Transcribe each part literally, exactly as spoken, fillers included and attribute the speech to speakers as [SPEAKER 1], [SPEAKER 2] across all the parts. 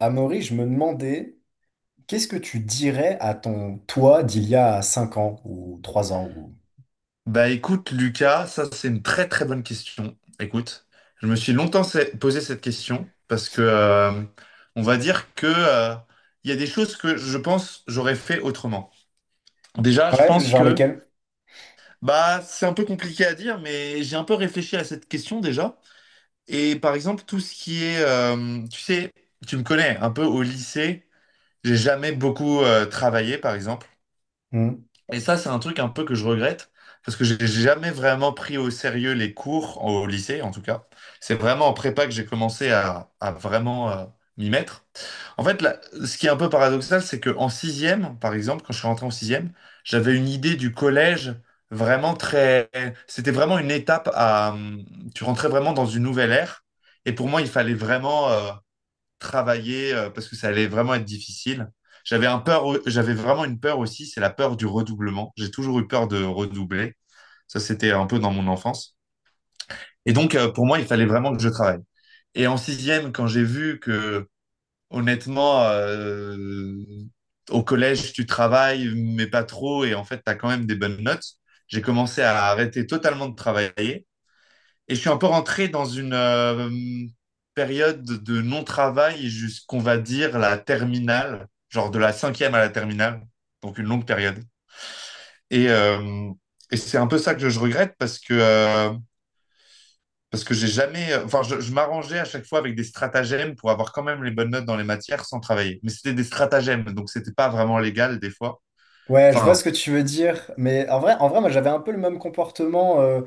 [SPEAKER 1] Amaury, je me demandais, qu'est-ce que tu dirais à ton toi d'il y a cinq ans ou trois ans ou...
[SPEAKER 2] Bah écoute, Lucas, ça c'est une très très bonne question. Écoute, je me suis longtemps se- posé cette question parce que euh, on va dire que euh, il y a des choses que je pense j'aurais fait autrement. Déjà, je
[SPEAKER 1] Ouais,
[SPEAKER 2] pense
[SPEAKER 1] genre
[SPEAKER 2] que
[SPEAKER 1] lesquels?
[SPEAKER 2] bah c'est un peu compliqué à dire, mais j'ai un peu réfléchi à cette question déjà. Et par exemple, tout ce qui est, euh, tu sais, tu me connais un peu au lycée, j'ai jamais beaucoup euh, travaillé par exemple.
[SPEAKER 1] Hmm.
[SPEAKER 2] Et ça, c'est un truc un peu que je regrette, parce que j'ai jamais vraiment pris au sérieux les cours, au lycée en tout cas. C'est vraiment en prépa que j'ai commencé à, à vraiment euh, m'y mettre. En fait, là, ce qui est un peu paradoxal, c'est qu'en sixième, par exemple, quand je suis rentré en sixième, j'avais une idée du collège vraiment très. C'était vraiment une étape à, hum, tu rentrais vraiment dans une nouvelle ère, et pour moi, il fallait vraiment, euh, travailler euh, parce que ça allait vraiment être difficile. J'avais un peur, j'avais vraiment une peur aussi, c'est la peur du redoublement. J'ai toujours eu peur de redoubler. Ça, c'était un peu dans mon enfance. Et donc, euh, pour moi, il fallait vraiment que je travaille. Et en sixième, quand j'ai vu que, honnêtement, euh, au collège, tu travailles, mais pas trop, et en fait, tu as quand même des bonnes notes, j'ai commencé à arrêter totalement de travailler et je suis un peu rentré dans une euh, période de non-travail jusqu'on va dire la terminale, genre de la cinquième à la terminale, donc une longue période. Et, euh, et c'est un peu ça que je regrette parce que, euh, parce que j'ai jamais, enfin, je, je m'arrangeais à chaque fois avec des stratagèmes pour avoir quand même les bonnes notes dans les matières sans travailler. Mais c'était des stratagèmes, donc c'était pas vraiment légal des fois.
[SPEAKER 1] Ouais, je vois
[SPEAKER 2] Enfin.
[SPEAKER 1] ce que tu veux dire, mais en vrai, en vrai, moi j'avais un peu le même comportement euh,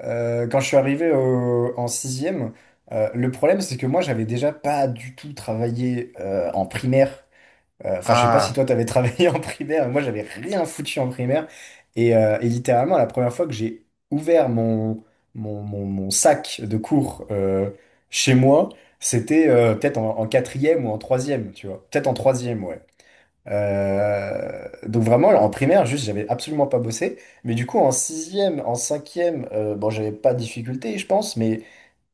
[SPEAKER 1] euh, quand je suis arrivé au- en sixième. Euh, le problème, c'est que moi j'avais déjà pas du tout travaillé euh, en primaire. Euh, Enfin, je sais pas si
[SPEAKER 2] À
[SPEAKER 1] toi, t'avais travaillé en primaire, moi, j'avais rien foutu en primaire. Et, euh, et littéralement, la première fois que j'ai ouvert mon, mon, mon- mon sac de cours euh, chez moi, c'était euh, peut-être en, en quatrième ou en troisième, tu vois. Peut-être en troisième, ouais. Euh, donc vraiment, en primaire, juste, j'avais absolument pas bossé. Mais du coup, en sixième, en cinquième, euh, bon, j'avais pas de difficulté, je pense, mais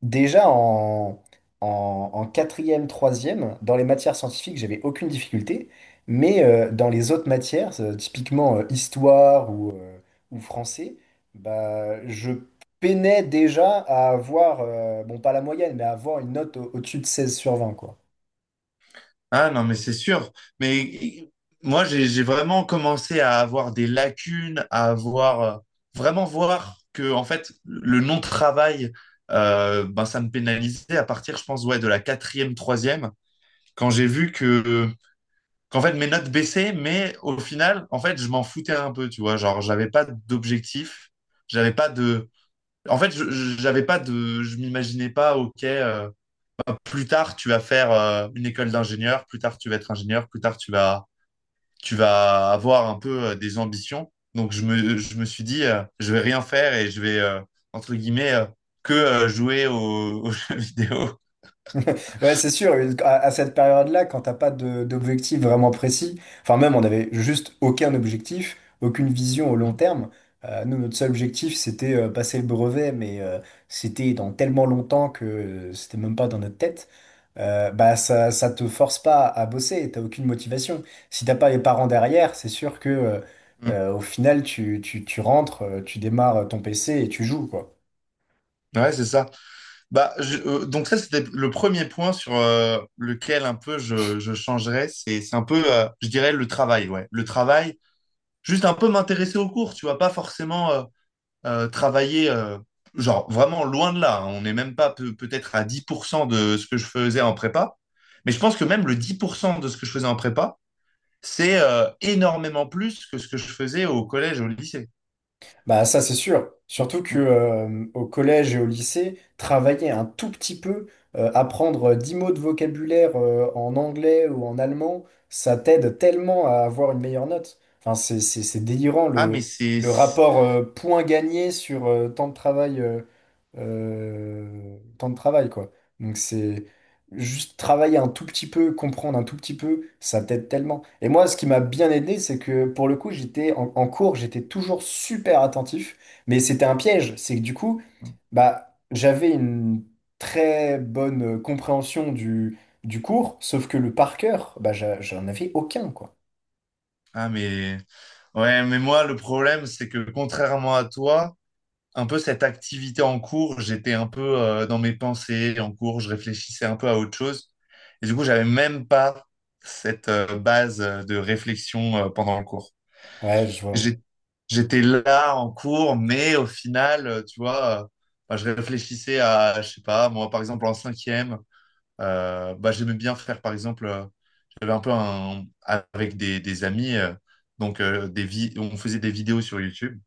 [SPEAKER 1] déjà en, en, en quatrième, troisième, dans les matières scientifiques, j'avais aucune difficulté, mais euh, dans les autres matières, euh, typiquement euh, histoire ou, euh, ou français, bah, je peinais déjà à avoir, euh, bon pas la moyenne, mais à avoir une note au- au-dessus de seize sur vingt, quoi.
[SPEAKER 2] Ah non, mais c'est sûr. Mais i- moi, j'ai j'ai vraiment commencé à avoir des lacunes, à avoir euh, vraiment voir que en fait le non-travail, euh, ben, ça me pénalisait à partir, je pense, ouais, de la quatrième, troisième, quand j'ai vu que qu'en fait mes notes baissaient, mais au final, en fait, je m'en foutais un peu, tu vois, genre j'avais pas d'objectif, j'avais pas de, en fait, je- je- j'avais pas de, je m'imaginais pas, ok. Euh, plus tard, tu vas faire euh, une école d'ingénieur, plus tard, tu vas être ingénieur, plus tard, tu vas, tu vas avoir un peu euh, des ambitions. Donc, je me, je me suis dit, euh, je vais rien faire et je vais, euh, entre guillemets, euh, que euh, jouer aux, aux jeux vidéo.
[SPEAKER 1] Ouais, c'est sûr. À, à cette période-là, quand t'as pas de- d'objectif vraiment précis, enfin même on avait juste aucun objectif, aucune vision au long
[SPEAKER 2] Mm,
[SPEAKER 1] terme. Euh, nous, notre seul objectif, c'était euh, passer le brevet, mais euh, c'était dans tellement longtemps que euh, c'était même pas dans notre tête. Euh, bah ça, ça te force pas à bosser, t'as aucune motivation. Si t'as pas les parents derrière, c'est sûr que euh,
[SPEAKER 2] mm.
[SPEAKER 1] euh, au final, tu, tu, tu rentres, euh, tu démarres ton P C et tu joues, quoi.
[SPEAKER 2] Ouais, c'est ça. Bah, je- euh, donc ça, c'était le premier point sur euh, lequel un peu je, je changerais. C'est, c'est un peu, euh, je dirais, le travail, ouais. Le travail, juste un peu m'intéresser au cours, tu vois, pas forcément. Euh, euh, travailler, euh, genre vraiment loin de là. Hein. On n'est même pas peu- peut-être à dix pour cent de ce que je faisais en prépa. Mais je pense que même le dix pour cent de ce que je faisais en prépa, c'est euh, énormément plus que ce que je faisais au collège, au lycée.
[SPEAKER 1] Bah ça c'est sûr. Surtout que euh, au collège et au lycée, travailler un tout petit peu, euh, apprendre euh, dix mots de vocabulaire euh, en anglais ou en allemand, ça t'aide tellement à avoir une meilleure note. Enfin, c'est, c'est, c'est délirant
[SPEAKER 2] Ah, mais
[SPEAKER 1] le,
[SPEAKER 2] c'est.
[SPEAKER 1] le
[SPEAKER 2] c'est-
[SPEAKER 1] rapport euh, point gagné sur euh, temps de travail euh, euh, temps de travail quoi. Donc c'est juste travailler un tout petit peu, comprendre un tout petit peu, ça t'aide tellement. Et moi, ce qui m'a bien aidé, c'est que pour le coup, j'étais en, en cours, j'étais toujours super attentif, mais c'était un piège. C'est que du coup, bah, j'avais une très bonne euh, compréhension du, du cours, sauf que le par cœur, bah, j'a- j'en avais aucun, quoi.
[SPEAKER 2] Ah, mais. Ouais, mais moi, le problème, c'est que contrairement à toi, un peu cette activité en cours, j'étais un peu euh, dans mes pensées en cours, je réfléchissais un peu à autre chose. Et du coup, j'avais même pas cette euh, base euh, de réflexion euh, pendant le cours.
[SPEAKER 1] Ouais, je vois.
[SPEAKER 2] J'ai- J'étais là en cours, mais au final, euh, tu vois, euh, bah, je réfléchissais à, je sais pas, moi, par exemple, en cinquième, euh, bah, j'aimais bien faire, par exemple, euh, j'avais un peu un, avec des, des amis, euh, donc euh, des vi- on faisait des vidéos sur YouTube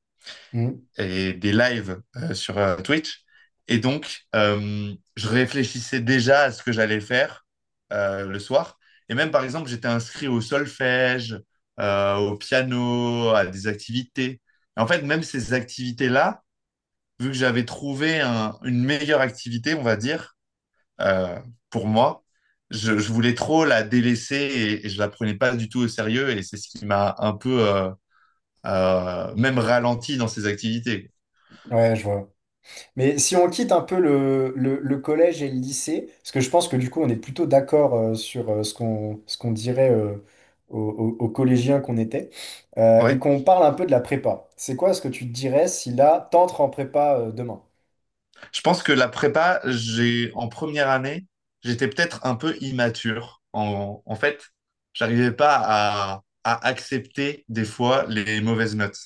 [SPEAKER 1] Mhm.
[SPEAKER 2] et des lives euh, sur euh, Twitch. Et donc, euh, je réfléchissais déjà à ce que j'allais faire euh, le soir. Et même, par exemple, j'étais inscrit au solfège, euh, au piano, à des activités. Et en fait, même ces activités-là, vu que j'avais trouvé un- une meilleure activité, on va dire, euh, pour moi, je, je voulais trop la délaisser et, et je la prenais pas du tout au sérieux. Et c'est ce qui m'a un peu euh, euh, même ralenti dans ces activités.
[SPEAKER 1] Ouais, je vois. Mais si on quitte un peu le, le- le collège et le lycée, parce que je pense que du coup on est plutôt d'accord euh, sur euh, ce qu'on ce qu'on dirait euh, aux, aux- aux collégiens qu'on était, euh, et
[SPEAKER 2] Ouais,
[SPEAKER 1] qu'on parle un peu de la prépa. C'est quoi ce que tu te dirais si là t'entres en prépa euh, demain?
[SPEAKER 2] je pense que la prépa, j'ai en première année, j'étais peut-être un peu immature. En, en fait, j'arrivais pas à, à accepter des fois les mauvaises notes.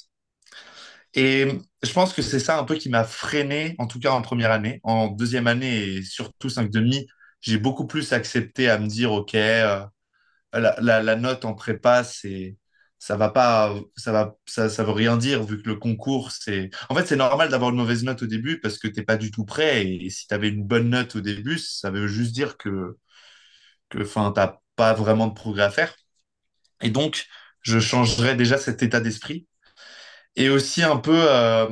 [SPEAKER 2] Et je pense que c'est ça un peu qui m'a freiné, en tout cas en première année. En deuxième année et surtout cinq demi, j'ai beaucoup plus accepté à me dire, OK, euh, la, la, la note en prépa, c'est ça va pas, ça va, ça, ça veut rien dire vu que le concours, c'est. En fait, c'est normal d'avoir une mauvaise note au début parce que t'es pas du tout prêt. Et si t'avais une bonne note au début, ça veut juste dire que, que, enfin, t'as pas vraiment de progrès à faire. Et donc, je changerais déjà cet état d'esprit. Et aussi un peu, euh,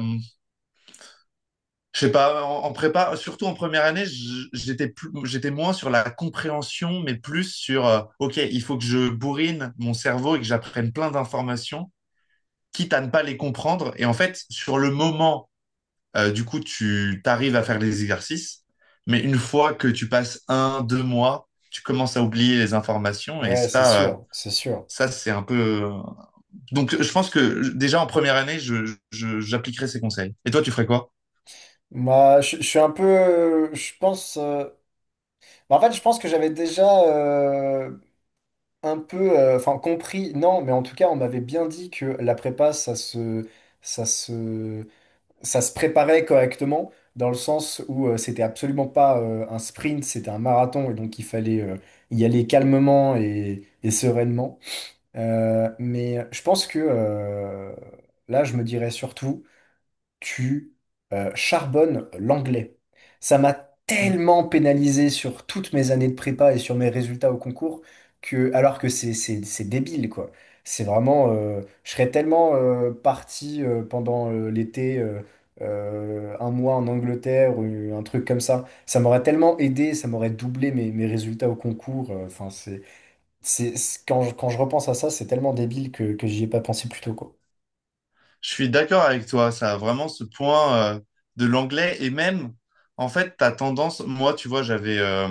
[SPEAKER 2] je sais pas, en, en, prépa, surtout en première année, je- j'étais plus, j'étais moins sur la compréhension, mais plus sur, euh, ok, il faut que je bourrine mon cerveau et que j'apprenne plein d'informations quitte à ne pas les comprendre. Et en fait, sur le moment, euh, du coup, tu arrives à faire les exercices, mais une fois que tu passes un, deux mois, tu commences à oublier les informations et
[SPEAKER 1] Ouais, c'est
[SPEAKER 2] ça, euh,
[SPEAKER 1] sûr, c'est sûr.
[SPEAKER 2] ça c'est un peu. euh, Donc, je pense que déjà en première année, je, je- j'appliquerai ces conseils. Et toi, tu ferais quoi?
[SPEAKER 1] Moi, je, je suis un peu, euh, je pense, euh, bah, en fait, je pense que j'avais déjà euh, un peu, euh, enfin, compris, non, mais en tout cas, on m'avait bien dit que la prépa, ça se, ça se ça se préparait correctement dans le sens où euh, c'était absolument pas euh, un sprint, c'était un marathon et donc il fallait euh, y aller calmement et, et sereinement. Euh, mais je pense que euh, là, je me dirais surtout tu euh, charbonnes l'anglais. Ça m'a tellement pénalisé sur toutes mes années de prépa et sur mes résultats au concours que, alors que c'est c'est- c'est débile, quoi. C'est vraiment, euh, je serais tellement euh, parti euh, pendant euh, l'été, euh, euh, un mois en Angleterre ou un truc comme ça. Ça m'aurait tellement aidé, ça m'aurait doublé mes, mes résultats au concours. euh, Enfin, c'est, c'est, c'est- quand je, quand je repense à ça, c'est tellement débile que, que j'y ai pas pensé plus tôt, quoi.
[SPEAKER 2] Je suis d'accord avec toi, ça a vraiment ce point euh, de l'anglais et même, en fait, ta tendance, moi, tu vois, j'avais, euh,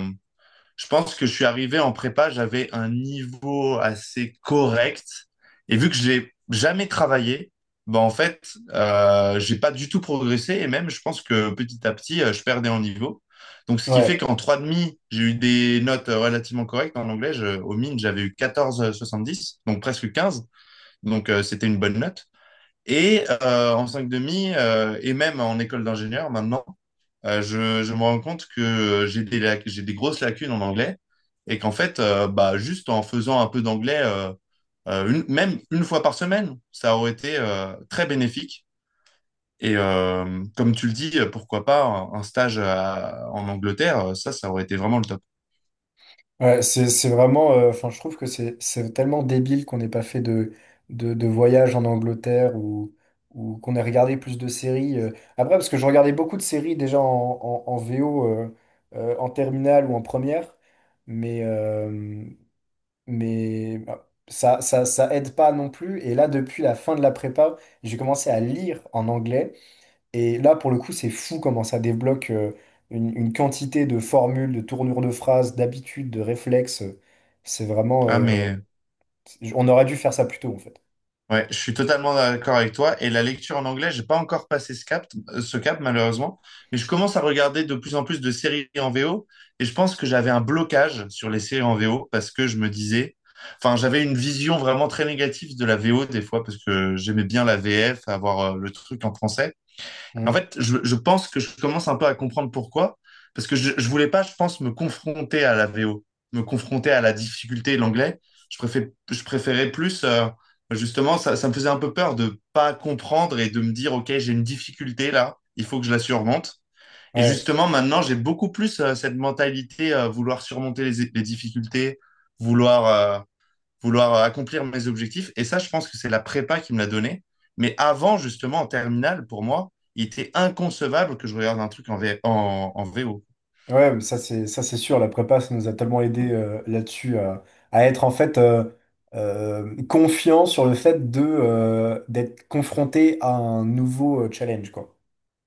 [SPEAKER 2] je pense que je suis arrivé en prépa, j'avais un niveau assez correct. Et vu que je n'ai jamais travaillé, ben en fait, euh, j'ai pas du tout progressé. Et même, je pense que petit à petit, euh, je perdais en niveau. Donc, ce qui fait
[SPEAKER 1] Ouais.
[SPEAKER 2] qu'en trois demi, j'ai eu des notes euh, relativement correctes en anglais. Je- au mine, j'avais eu quatorze virgule soixante-dix, donc presque quinze. Donc, euh, c'était une bonne note. Et euh, en cinq demi, euh, et même en école d'ingénieur, maintenant, euh, je, je me rends compte que euh, j'ai des, lac- j'ai des grosses lacunes en anglais et qu'en fait, euh, bah, juste en faisant un peu d'anglais, euh, euh, une- même une fois par semaine, ça aurait été euh, très bénéfique. Et euh, comme tu le dis, euh, pourquoi pas un, un stage à- en Angleterre, euh, ça, ça aurait été vraiment le top.
[SPEAKER 1] Ouais, c'est, c'est vraiment, euh, enfin, je trouve que c'est, c'est tellement débile qu'on n'ait pas fait de, de, de voyage en Angleterre ou, ou qu'on ait regardé plus de séries. euh. Après, parce que je regardais beaucoup de séries déjà en, en, en, V O, euh, euh, en terminale ou en première, mais, euh, mais bah, ça, ça, ça aide pas non plus. Et là, depuis la fin de la prépa, j'ai commencé à lire en anglais. Et là, pour le coup, c'est fou comment ça débloque euh, une, une quantité de formules, de tournures de phrases, d'habitudes, de réflexes. C'est vraiment.
[SPEAKER 2] Ah,
[SPEAKER 1] Euh,
[SPEAKER 2] mais.
[SPEAKER 1] on aurait dû faire ça plus tôt, en fait.
[SPEAKER 2] Ouais, je suis totalement d'accord avec toi. Et la lecture en anglais, j'ai pas encore passé ce cap, euh, ce cap malheureusement. Mais je commence à regarder de plus en plus de séries en V O. Et je pense que j'avais un blocage sur les séries en V O parce que je me disais, enfin, j'avais une vision vraiment très négative de la V O des fois parce que j'aimais bien la V F, avoir euh, le truc en français. En
[SPEAKER 1] Mm.
[SPEAKER 2] fait, je, je pense que je commence un peu à comprendre pourquoi. Parce que je, je voulais pas, je pense, me confronter à la V O, me confronter à la difficulté de l'anglais. Je préfère, je préférais plus, euh, justement, ça, ça me faisait un peu peur de pas comprendre et de me dire, OK, j'ai une difficulté là, il faut que je la surmonte. Et
[SPEAKER 1] Ouais,
[SPEAKER 2] justement, maintenant, j'ai beaucoup plus euh, cette mentalité, euh, vouloir surmonter les, les difficultés, vouloir, euh, vouloir euh, accomplir mes objectifs. Et ça, je pense que c'est la prépa qui me l'a donné. Mais avant, justement, en terminale, pour moi, il était inconcevable que je regarde un truc en, V- en, en V O.
[SPEAKER 1] ouais, mais ça, c'est, ça, c'est sûr. La prépa, ça nous a tellement aidé euh, là-dessus à, à être, en fait, euh, euh, confiant sur le fait de, euh, d'être confronté à un nouveau euh, challenge, quoi.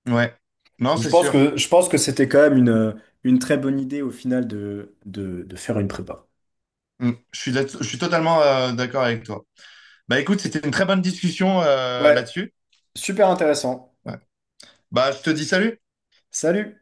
[SPEAKER 2] Ouais, non,
[SPEAKER 1] Donc, je
[SPEAKER 2] c'est
[SPEAKER 1] pense
[SPEAKER 2] sûr.
[SPEAKER 1] que, je pense que c'était quand même une, une très bonne idée, au final, de, de, de faire une prépa.
[SPEAKER 2] Mm. Je suis, là- je suis totalement euh, d'accord avec toi. Bah écoute, c'était une très bonne discussion euh,
[SPEAKER 1] Ouais.
[SPEAKER 2] là-dessus.
[SPEAKER 1] Super intéressant.
[SPEAKER 2] Ouais. Bah, je te dis salut.
[SPEAKER 1] Salut!